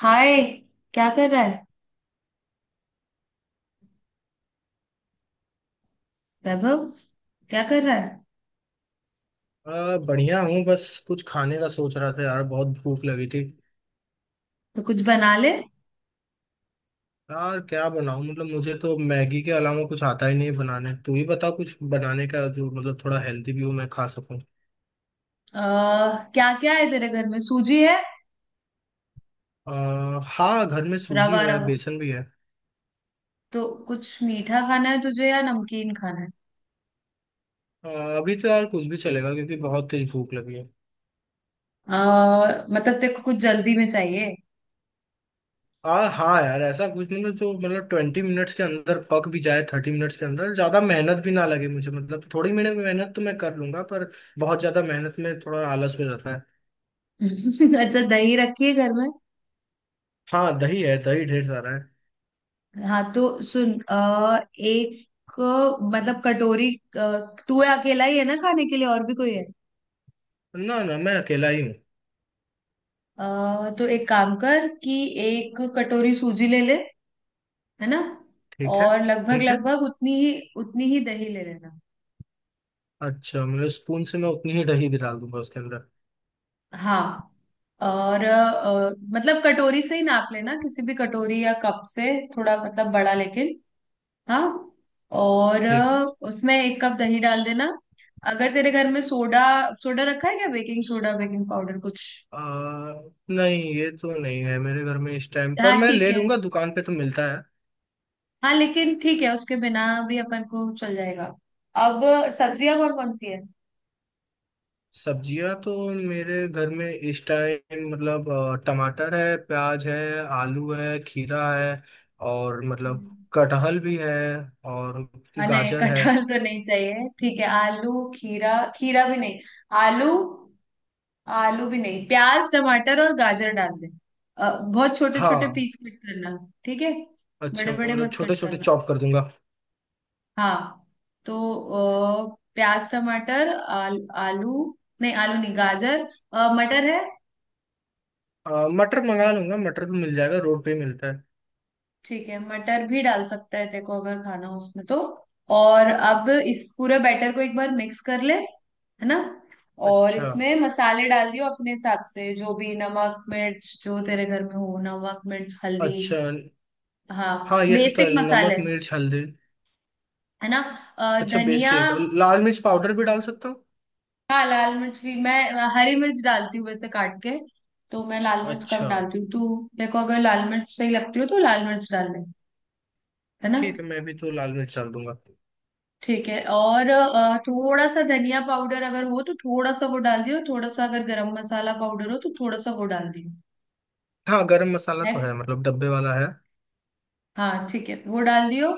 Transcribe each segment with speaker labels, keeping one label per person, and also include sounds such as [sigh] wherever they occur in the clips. Speaker 1: हाय। क्या कर रहा है वैभव? क्या कर रहा है?
Speaker 2: बढ़िया हूँ, बस कुछ खाने का सोच रहा था यार, बहुत भूख लगी थी।
Speaker 1: तो कुछ बना ले।
Speaker 2: यार क्या बनाऊँ? मतलब मुझे तो मैगी के अलावा कुछ आता ही नहीं है बनाने। तू ही बता कुछ बनाने का जो मतलब थोड़ा हेल्दी भी हो, मैं खा सकूँ।
Speaker 1: क्या क्या है तेरे घर में? सूजी है?
Speaker 2: हाँ, घर में सूजी
Speaker 1: रवा
Speaker 2: है,
Speaker 1: रवा।
Speaker 2: बेसन भी है।
Speaker 1: तो कुछ मीठा खाना है तुझे या नमकीन खाना है?
Speaker 2: आ, अभी तो यार कुछ भी चलेगा क्योंकि बहुत तेज भूख लगी है।
Speaker 1: मतलब तेरे को कुछ जल्दी में चाहिए?
Speaker 2: हाँ यार, ऐसा कुछ मतलब जो मतलब 20 मिनट्स के अंदर पक भी जाए, 30 मिनट्स के अंदर, ज़्यादा मेहनत भी ना लगे मुझे। मतलब थोड़ी मिनट मेहनत तो मैं कर लूंगा, पर बहुत ज़्यादा मेहनत में थोड़ा आलस भी रहता है।
Speaker 1: [laughs] अच्छा, दही रखी है घर में?
Speaker 2: हाँ, दही है, दही ढेर सारा है।
Speaker 1: हाँ, तो सुन एक मतलब कटोरी, अ, तू अकेला ही है ना खाने के लिए? और भी कोई है?
Speaker 2: ना ना, मैं अकेला ही हूँ।
Speaker 1: तो एक काम कर कि एक कटोरी सूजी ले ले। है ना?
Speaker 2: ठीक है।
Speaker 1: और लगभग
Speaker 2: ठीक है।
Speaker 1: लगभग उतनी ही दही ले लेना।
Speaker 2: अच्छा, मेरे स्पून से मैं उतनी ही दही भी डाल दूंगा उसके अंदर।
Speaker 1: हाँ। और मतलब कटोरी से ही नाप लेना, किसी भी कटोरी या कप से, थोड़ा मतलब बड़ा, लेकिन। हाँ। और
Speaker 2: ठीक है।
Speaker 1: उसमें एक कप दही डाल देना। अगर तेरे घर में सोडा सोडा रखा है क्या? बेकिंग सोडा, बेकिंग पाउडर, कुछ?
Speaker 2: आ, नहीं, ये तो नहीं है मेरे घर में इस टाइम पर।
Speaker 1: हाँ,
Speaker 2: मैं
Speaker 1: ठीक
Speaker 2: ले
Speaker 1: है।
Speaker 2: लूंगा, दुकान पे तो मिलता है।
Speaker 1: हाँ, लेकिन ठीक है, उसके बिना भी अपन को चल जाएगा। अब सब्जियां कौन कौन सी
Speaker 2: सब्जियां तो मेरे घर में इस टाइम मतलब टमाटर है, प्याज है, आलू है, खीरा है, और
Speaker 1: है?
Speaker 2: मतलब कटहल भी है, और
Speaker 1: हाँ, नहीं,
Speaker 2: गाजर है।
Speaker 1: कटहल तो नहीं चाहिए। ठीक है, आलू, खीरा। खीरा भी नहीं। आलू, आलू भी नहीं। प्याज, टमाटर और गाजर डाल दे। बहुत छोटे छोटे
Speaker 2: हाँ।
Speaker 1: पीस कट करना। ठीक है?
Speaker 2: अच्छा,
Speaker 1: बड़े बड़े
Speaker 2: मतलब
Speaker 1: मत
Speaker 2: छोटे
Speaker 1: कट
Speaker 2: छोटे
Speaker 1: करना।
Speaker 2: चॉप कर दूंगा।
Speaker 1: हाँ, तो प्याज, टमाटर, आलू, नहीं आलू नहीं, गाजर, मटर है?
Speaker 2: मटर मंगा लूंगा, मटर तो मिल जाएगा, रोड पे ही मिलता है।
Speaker 1: ठीक है, मटर भी डाल सकता है तेको अगर खाना हो उसमें तो। और अब इस पूरे बैटर को एक बार मिक्स कर ले। है ना? और
Speaker 2: अच्छा।
Speaker 1: इसमें मसाले डाल दियो अपने हिसाब से, जो भी नमक मिर्च जो तेरे घर में हो, नमक मिर्च हल्दी।
Speaker 2: अच्छा।
Speaker 1: हाँ,
Speaker 2: हाँ, ये सब तो
Speaker 1: बेसिक
Speaker 2: है, नमक
Speaker 1: मसाले।
Speaker 2: मिर्च हल्दी।
Speaker 1: है ना?
Speaker 2: अच्छा,
Speaker 1: धनिया।
Speaker 2: बेसिक लाल मिर्च पाउडर भी डाल सकता हूँ।
Speaker 1: हाँ, लाल मिर्च भी, मैं हरी मिर्च डालती हूँ वैसे, काट के। तो मैं लाल मिर्च कम
Speaker 2: अच्छा
Speaker 1: डालती हूँ, तू देखो अगर लाल मिर्च सही लगती हो तो लाल मिर्च डाल ले। है ना?
Speaker 2: ठीक है, मैं भी तो लाल मिर्च डाल दूंगा।
Speaker 1: ठीक है। और थोड़ा सा धनिया पाउडर अगर हो तो थोड़ा सा वो डाल दियो, थोड़ा सा अगर गरम मसाला पाउडर हो तो थोड़ा सा वो डाल दियो।
Speaker 2: हाँ, गरम मसाला तो है,
Speaker 1: है?
Speaker 2: मतलब डब्बे वाला है।
Speaker 1: हाँ, ठीक है, वो डाल दियो।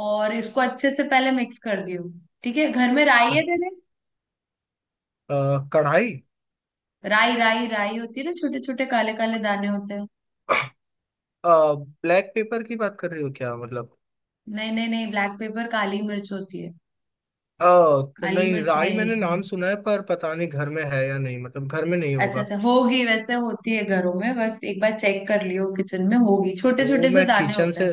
Speaker 1: और इसको अच्छे से पहले मिक्स कर दियो। ठीक है। घर में राई है तेरे?
Speaker 2: कढ़ाई?
Speaker 1: राई राई राई होती है ना, छोटे छोटे काले काले दाने होते हैं।
Speaker 2: ब्लैक पेपर की बात कर रही हो क्या, मतलब?
Speaker 1: नहीं, नहीं, नहीं, ब्लैक पेपर काली मिर्च होती है।
Speaker 2: तो
Speaker 1: काली
Speaker 2: नहीं,
Speaker 1: मिर्च
Speaker 2: राई
Speaker 1: नहीं।
Speaker 2: मैंने नाम सुना है पर पता नहीं घर में है या नहीं, मतलब घर में नहीं
Speaker 1: अच्छा,
Speaker 2: होगा।
Speaker 1: अच्छा, होगी वैसे, होती है घरों में, बस एक बार चेक कर लियो, किचन में होगी, छोटे
Speaker 2: तो
Speaker 1: छोटे से
Speaker 2: मैं
Speaker 1: दाने
Speaker 2: किचन से
Speaker 1: होते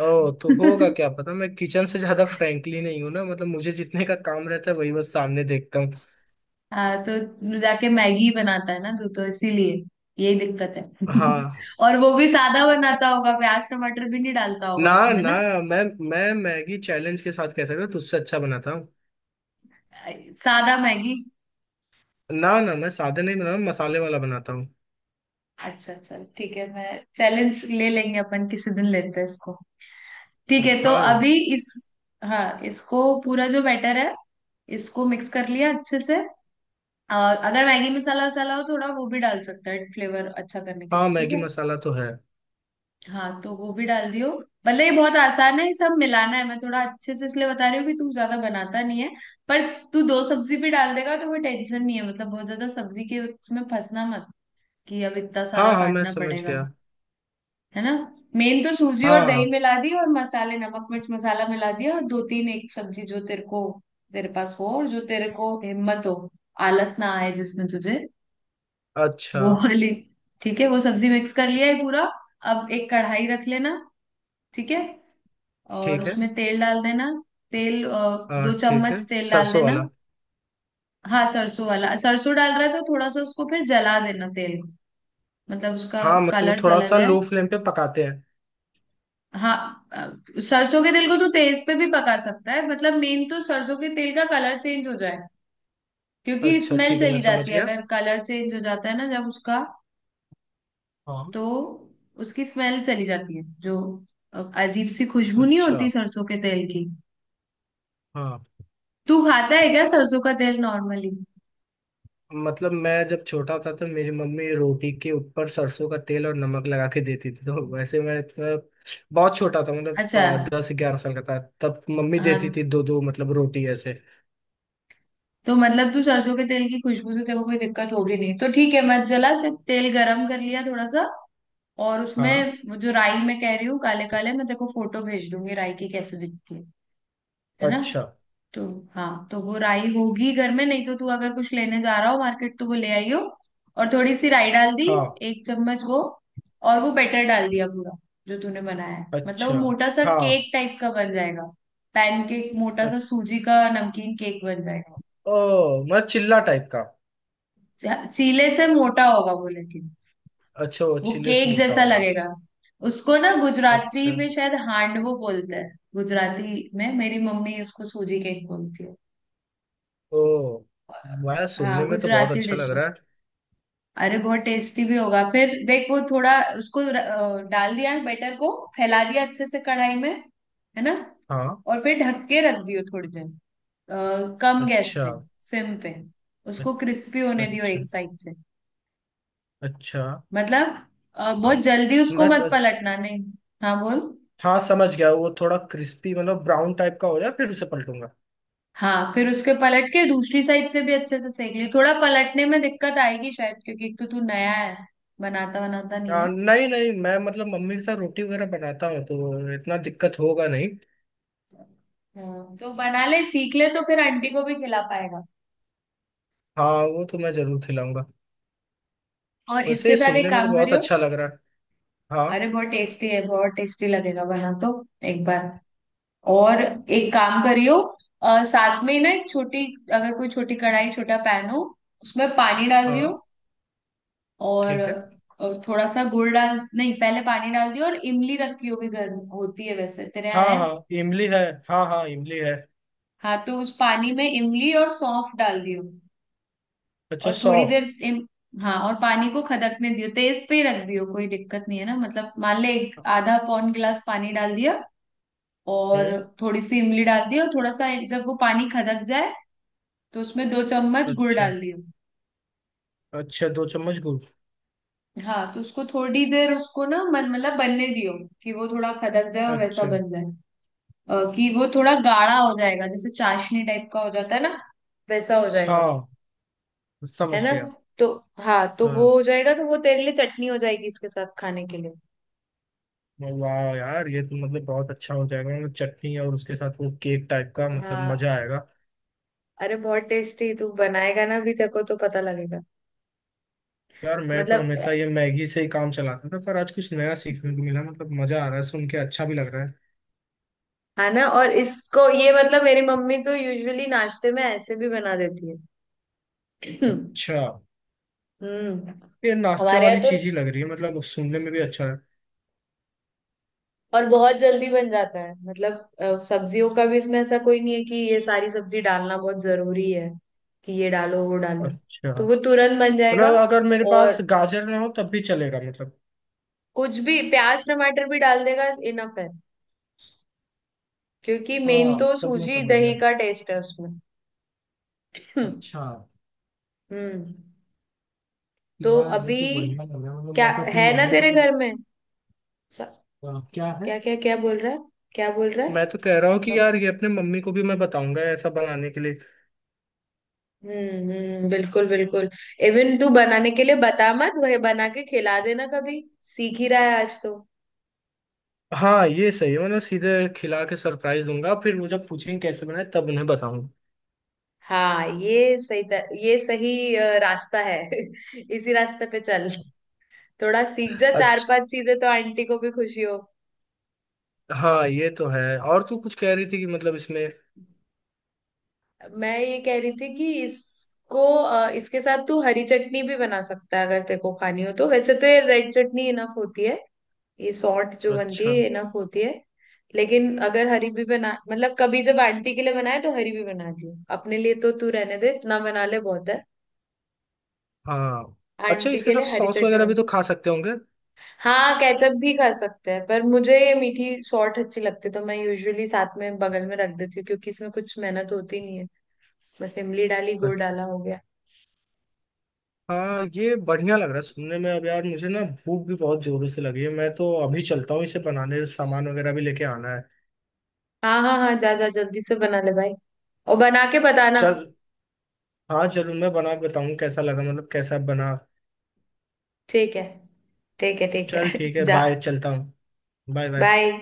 Speaker 2: ओ, तो होगा,
Speaker 1: हैं। [laughs]
Speaker 2: क्या पता। मैं किचन से ज्यादा फ्रैंकली नहीं हूं ना, मतलब मुझे जितने का काम रहता है वही बस सामने देखता हूँ।
Speaker 1: हाँ, तो तू जाके मैगी बनाता है ना, तू तो इसीलिए। यही दिक्कत है।
Speaker 2: हाँ।
Speaker 1: [laughs] और वो भी सादा बनाता होगा, प्याज टमाटर भी नहीं डालता होगा
Speaker 2: ना
Speaker 1: उसमें
Speaker 2: ना,
Speaker 1: ना?
Speaker 2: मैं मैं मैगी चैलेंज के साथ कह सकता हूँ, तुझसे अच्छा बनाता हूँ।
Speaker 1: सादा मैगी?
Speaker 2: ना ना, मैं सादे नहीं बनाता, मसाले वाला बनाता हूँ।
Speaker 1: अच्छा, चल ठीक है, मैं चैलेंज ले लेंगे अपन, किसी दिन लेते हैं इसको। ठीक है, तो
Speaker 2: हाँ।
Speaker 1: अभी इस, हाँ, इसको पूरा जो बैटर है, इसको मिक्स कर लिया अच्छे से। और अगर मैगी मसाला वसाला हो थोड़ा, वो भी डाल सकता है फ्लेवर अच्छा करने के
Speaker 2: हाँ,
Speaker 1: लिए। ठीक
Speaker 2: मैगी
Speaker 1: है?
Speaker 2: मसाला तो है।
Speaker 1: हाँ, तो वो भी डाल दियो। मतलब ये बहुत आसान है, ये सब मिलाना है, मैं थोड़ा अच्छे से इसलिए बता रही हूँ कि तू ज्यादा बनाता नहीं है। पर तू दो सब्जी भी डाल देगा तो कोई टेंशन नहीं है, मतलब बहुत ज्यादा सब्जी के उसमें फंसना मत कि अब इतना
Speaker 2: हाँ
Speaker 1: सारा
Speaker 2: हाँ, मैं
Speaker 1: काटना
Speaker 2: समझ
Speaker 1: पड़ेगा।
Speaker 2: गया।
Speaker 1: है ना? मेन तो सूजी और दही
Speaker 2: हाँ।
Speaker 1: मिला दी और मसाले नमक मिर्च मसाला मिला दिया, और दो तीन एक सब्जी जो तेरे को, तेरे पास हो और जो तेरे को हिम्मत हो, आलस ना आए जिसमें तुझे,
Speaker 2: अच्छा।
Speaker 1: वो वाली। ठीक है, वो सब्जी मिक्स कर लिया है पूरा। अब एक कढ़ाई रख लेना। ठीक है? और
Speaker 2: ठीक है।
Speaker 1: उसमें तेल डाल देना। तेल
Speaker 2: हाँ
Speaker 1: दो
Speaker 2: ठीक है,
Speaker 1: चम्मच तेल डाल
Speaker 2: सरसों
Speaker 1: देना।
Speaker 2: वाला?
Speaker 1: हाँ, सरसों वाला? सरसों डाल रहा है तो थोड़ा सा उसको फिर जला देना, तेल को। मतलब उसका
Speaker 2: हाँ, मतलब वो
Speaker 1: कलर
Speaker 2: थोड़ा
Speaker 1: चला
Speaker 2: सा
Speaker 1: जाए।
Speaker 2: लो फ्लेम पे पकाते हैं।
Speaker 1: हाँ, सरसों के तेल को तो तेज पे भी पका सकता है, मतलब मेन तो सरसों के तेल का कलर चेंज हो जाए। क्योंकि
Speaker 2: अच्छा
Speaker 1: स्मेल
Speaker 2: ठीक है, मैं
Speaker 1: चली
Speaker 2: समझ
Speaker 1: जाती है
Speaker 2: गया।
Speaker 1: अगर कलर चेंज हो जाता है ना, जब उसका,
Speaker 2: हाँ।
Speaker 1: तो उसकी स्मेल चली जाती है जो अजीब सी खुशबू नहीं
Speaker 2: अच्छा।
Speaker 1: होती सरसों के तेल की।
Speaker 2: हाँ,
Speaker 1: तू खाता है क्या सरसों का तेल नॉर्मली?
Speaker 2: मतलब मैं जब छोटा था तो मेरी मम्मी रोटी के ऊपर सरसों का तेल और नमक लगा के देती थी, तो वैसे मैं मतलब बहुत छोटा था, मतलब
Speaker 1: अच्छा।
Speaker 2: 10 11 साल का था। तब मम्मी देती
Speaker 1: हाँ,
Speaker 2: थी दो दो, मतलब रोटी ऐसे।
Speaker 1: तो मतलब तू सरसों के तेल की खुशबू से तेरे को कोई दिक्कत होगी नहीं तो ठीक है, मत जला, सिर्फ तेल गरम कर लिया थोड़ा सा। और उसमें
Speaker 2: हाँ।
Speaker 1: वो जो राई मैं कह रही हूँ, काले काले, मैं तेरे को फोटो भेज दूंगी राई की कैसे दिखती है। है ना?
Speaker 2: अच्छा।
Speaker 1: तो हाँ, तो वो राई होगी घर में, नहीं तो तू अगर कुछ लेने जा रहा हो मार्केट तो वो ले आई हो। और थोड़ी सी राई डाल दी,
Speaker 2: हाँ।
Speaker 1: 1 चम्मच वो। और वो बैटर डाल दिया पूरा, जो तूने बनाया है, मतलब वो
Speaker 2: अच्छा।
Speaker 1: मोटा सा
Speaker 2: हाँ।
Speaker 1: केक टाइप का बन जाएगा। पैनकेक, मोटा
Speaker 2: अ-
Speaker 1: सा सूजी का नमकीन केक बन जाएगा।
Speaker 2: ओ, मतलब चिल्ला टाइप का?
Speaker 1: चीले से मोटा होगा वो, लेकिन
Speaker 2: अच्छा, वो
Speaker 1: वो
Speaker 2: चिल्ले से
Speaker 1: केक
Speaker 2: मोटा
Speaker 1: जैसा
Speaker 2: होगा।
Speaker 1: लगेगा। उसको ना
Speaker 2: अच्छा।
Speaker 1: गुजराती में शायद हांडवो बोलते हैं, गुजराती में मेरी मम्मी उसको सूजी केक बोलती है।
Speaker 2: ओ वाह, सुनने
Speaker 1: हाँ,
Speaker 2: में तो बहुत
Speaker 1: गुजराती
Speaker 2: अच्छा
Speaker 1: डिश
Speaker 2: लग
Speaker 1: है।
Speaker 2: रहा है।
Speaker 1: अरे बहुत टेस्टी भी होगा फिर, देख वो थोड़ा। उसको डाल दिया बैटर को, फैला दिया अच्छे से कढ़ाई में। है ना?
Speaker 2: हाँ।
Speaker 1: और फिर ढक के रख दियो थोड़ी देर, कम गैस
Speaker 2: अच्छा।
Speaker 1: पे, सिम पे,
Speaker 2: अ-
Speaker 1: उसको क्रिस्पी होने दियो
Speaker 2: अच्छा।
Speaker 1: एक साइड से।
Speaker 2: अच्छा।
Speaker 1: मतलब बहुत
Speaker 2: अब
Speaker 1: जल्दी उसको
Speaker 2: मैं
Speaker 1: मत पलटना। नहीं, हाँ बोल।
Speaker 2: हाँ, समझ गया, वो थोड़ा क्रिस्पी मतलब ब्राउन टाइप का हो जाए फिर उसे पलटूंगा।
Speaker 1: हाँ, फिर उसके पलट के दूसरी साइड से भी अच्छे से सेक ली। थोड़ा पलटने में दिक्कत आएगी शायद क्योंकि एक तो तू नया है, बनाता बनाता नहीं है।
Speaker 2: नहीं नहीं, मैं मतलब मम्मी के साथ रोटी वगैरह बनाता हूँ तो इतना दिक्कत होगा नहीं।
Speaker 1: हाँ, तो बना ले, सीख ले तो फिर आंटी को भी खिला पाएगा।
Speaker 2: हाँ, वो तो मैं जरूर खिलाऊंगा।
Speaker 1: और इसके
Speaker 2: वैसे
Speaker 1: साथ एक
Speaker 2: सुनने में तो
Speaker 1: काम
Speaker 2: बहुत
Speaker 1: करियो।
Speaker 2: अच्छा लग रहा है।
Speaker 1: अरे
Speaker 2: हाँ।
Speaker 1: बहुत टेस्टी है, बहुत टेस्टी लगेगा, बना तो एक बार। और एक काम करियो, साथ में ना एक छोटी, अगर कोई छोटी कढ़ाई छोटा पैन हो, उसमें पानी डाल दियो।
Speaker 2: हाँ
Speaker 1: और
Speaker 2: ठीक है।
Speaker 1: थोड़ा सा गुड़ डाल, नहीं पहले पानी डाल दिया, और इमली रखी होगी घर में, होती है वैसे तेरे
Speaker 2: हाँ
Speaker 1: यहाँ है?
Speaker 2: हाँ, इमली है। हाँ हाँ, इमली है।
Speaker 1: हाँ, तो उस पानी में इमली और सौंफ डाल दियो।
Speaker 2: अच्छा,
Speaker 1: और थोड़ी
Speaker 2: सौंफ।
Speaker 1: देर हाँ, और पानी को खदकने दियो, तेज पे ही रख दियो, कोई दिक्कत नहीं है ना, मतलब मान ले एक आधा पौन गिलास पानी डाल दिया। और
Speaker 2: हम्म।
Speaker 1: थोड़ी सी इमली डाल दी, और थोड़ा सा जब वो पानी खदक जाए तो उसमें 2 चम्मच गुड़
Speaker 2: अच्छा।
Speaker 1: डाल दियो।
Speaker 2: अच्छा, 2 चम्मच गुड़।
Speaker 1: हाँ, तो उसको थोड़ी देर, उसको ना मन मतलब बनने दियो, कि वो थोड़ा खदक जाए और वैसा
Speaker 2: अच्छा।
Speaker 1: बन जाए। कि वो थोड़ा गाढ़ा हो जाएगा, जैसे चाशनी टाइप का हो जाता है ना, वैसा हो जाएगा।
Speaker 2: हाँ,
Speaker 1: है
Speaker 2: समझ
Speaker 1: ना?
Speaker 2: गया।
Speaker 1: तो हाँ, तो वो
Speaker 2: हाँ।
Speaker 1: हो जाएगा तो वो तेरे लिए चटनी हो जाएगी इसके साथ खाने के लिए।
Speaker 2: वाह यार, ये तो मतलब बहुत अच्छा हो जाएगा, मतलब चटनी और उसके साथ वो केक टाइप का, मतलब
Speaker 1: हाँ,
Speaker 2: मजा आएगा।
Speaker 1: अरे बहुत टेस्टी तू बनाएगा, ना भी देखो तो पता लगेगा।
Speaker 2: यार मैं तो
Speaker 1: मतलब,
Speaker 2: हमेशा ये मैगी से ही काम चलाता था, पर आज कुछ नया सीखने को मिला, मतलब मजा आ रहा है, सुन के अच्छा भी लग रहा है।
Speaker 1: है ना? और इसको ये मतलब मेरी मम्मी तो यूजुअली नाश्ते में ऐसे भी बना देती है। [clears throat]
Speaker 2: अच्छा।
Speaker 1: हम्म।
Speaker 2: ये नाश्ते
Speaker 1: हमारे यहाँ
Speaker 2: वाली
Speaker 1: तो।
Speaker 2: चीज ही लग रही है, मतलब सुनने में भी अच्छा है।
Speaker 1: और बहुत जल्दी बन जाता है, मतलब सब्जियों का भी इसमें ऐसा कोई नहीं है कि ये सारी सब्जी डालना बहुत जरूरी है, कि ये डालो वो डालो।
Speaker 2: अच्छा,
Speaker 1: तो वो तुरंत बन जाएगा।
Speaker 2: मतलब अगर मेरे पास
Speaker 1: और
Speaker 2: गाजर ना हो तब भी चलेगा मतलब।
Speaker 1: कुछ भी, प्याज टमाटर भी डाल देगा इनफ है, क्योंकि मेन
Speaker 2: हाँ,
Speaker 1: तो
Speaker 2: तब मैं
Speaker 1: सूजी
Speaker 2: समझ गया।
Speaker 1: दही का टेस्ट है उसमें। हम्म।
Speaker 2: अच्छा।
Speaker 1: हम्म। तो
Speaker 2: यार ये
Speaker 1: अभी
Speaker 2: तो बढ़िया लग रहा है, मतलब
Speaker 1: क्या?
Speaker 2: मैं तो अपनी
Speaker 1: है ना
Speaker 2: मम्मी को
Speaker 1: तेरे
Speaker 2: भी।
Speaker 1: घर में? स-
Speaker 2: क्या है?
Speaker 1: क्या क्या, क्या बोल रहा है? क्या बोल रहा
Speaker 2: मैं तो
Speaker 1: है?
Speaker 2: कह रहा हूँ कि यार ये अपने मम्मी को भी मैं बताऊंगा ऐसा बनाने के लिए।
Speaker 1: हम्म, बिल्कुल, बिल्कुल। इवन तू बनाने के लिए बता मत, वही बना के खिला देना कभी, सीख ही रहा है आज तो।
Speaker 2: हाँ ये सही है, मतलब सीधे खिला के सरप्राइज दूंगा, फिर वो जब पूछेंगे कैसे बनाए तब उन्हें बताऊंगा।
Speaker 1: हाँ, ये सही, ये सही रास्ता है। [laughs] इसी रास्ते पे चल, थोड़ा सीख जा चार
Speaker 2: अच्छा।
Speaker 1: पांच चीजें तो आंटी को भी खुशी हो।
Speaker 2: हाँ ये तो है। और तू कुछ कह रही थी कि मतलब इसमें।
Speaker 1: मैं ये कह रही थी कि इसको इसके साथ तू हरी चटनी भी बना सकता है अगर तेरे को खानी हो तो, वैसे तो ये रेड चटनी इनफ होती है। ये सॉर्ट जो बनती
Speaker 2: अच्छा।
Speaker 1: है इनफ होती है। लेकिन अगर हरी भी बना, मतलब कभी जब आंटी के लिए बनाए तो हरी भी बना दी, अपने लिए तो तू रहने दे, इतना बना ले बहुत है।
Speaker 2: हाँ। अच्छा,
Speaker 1: आंटी
Speaker 2: इसके
Speaker 1: के
Speaker 2: साथ
Speaker 1: लिए हरी
Speaker 2: सॉस
Speaker 1: चटनी
Speaker 2: वगैरह
Speaker 1: बना।
Speaker 2: भी तो खा सकते होंगे।
Speaker 1: हाँ, केचप भी खा सकते हैं पर मुझे ये मीठी सॉर्ट अच्छी लगती है, तो मैं यूजुअली साथ में बगल में रख देती हूँ क्योंकि इसमें कुछ मेहनत होती नहीं है। बस इमली डाली, गुड़ डाला, हो गया।
Speaker 2: हाँ ये बढ़िया लग रहा है सुनने में। अब यार मुझे ना भूख भी बहुत जोरों से लगी है, मैं तो अभी चलता हूँ इसे बनाने, सामान वगैरह भी लेके आना है।
Speaker 1: हाँ, हाँ, हाँ, जा जा जल्दी से बना ले भाई। और बना के बताना।
Speaker 2: चल। हाँ जरूर, मैं बना के बताऊँ कैसा लगा, मतलब कैसा बना।
Speaker 1: ठीक है, ठीक है, ठीक
Speaker 2: चल
Speaker 1: है।
Speaker 2: ठीक है,
Speaker 1: [laughs] जा।
Speaker 2: बाय, चलता हूँ। Bye bye.
Speaker 1: बाय।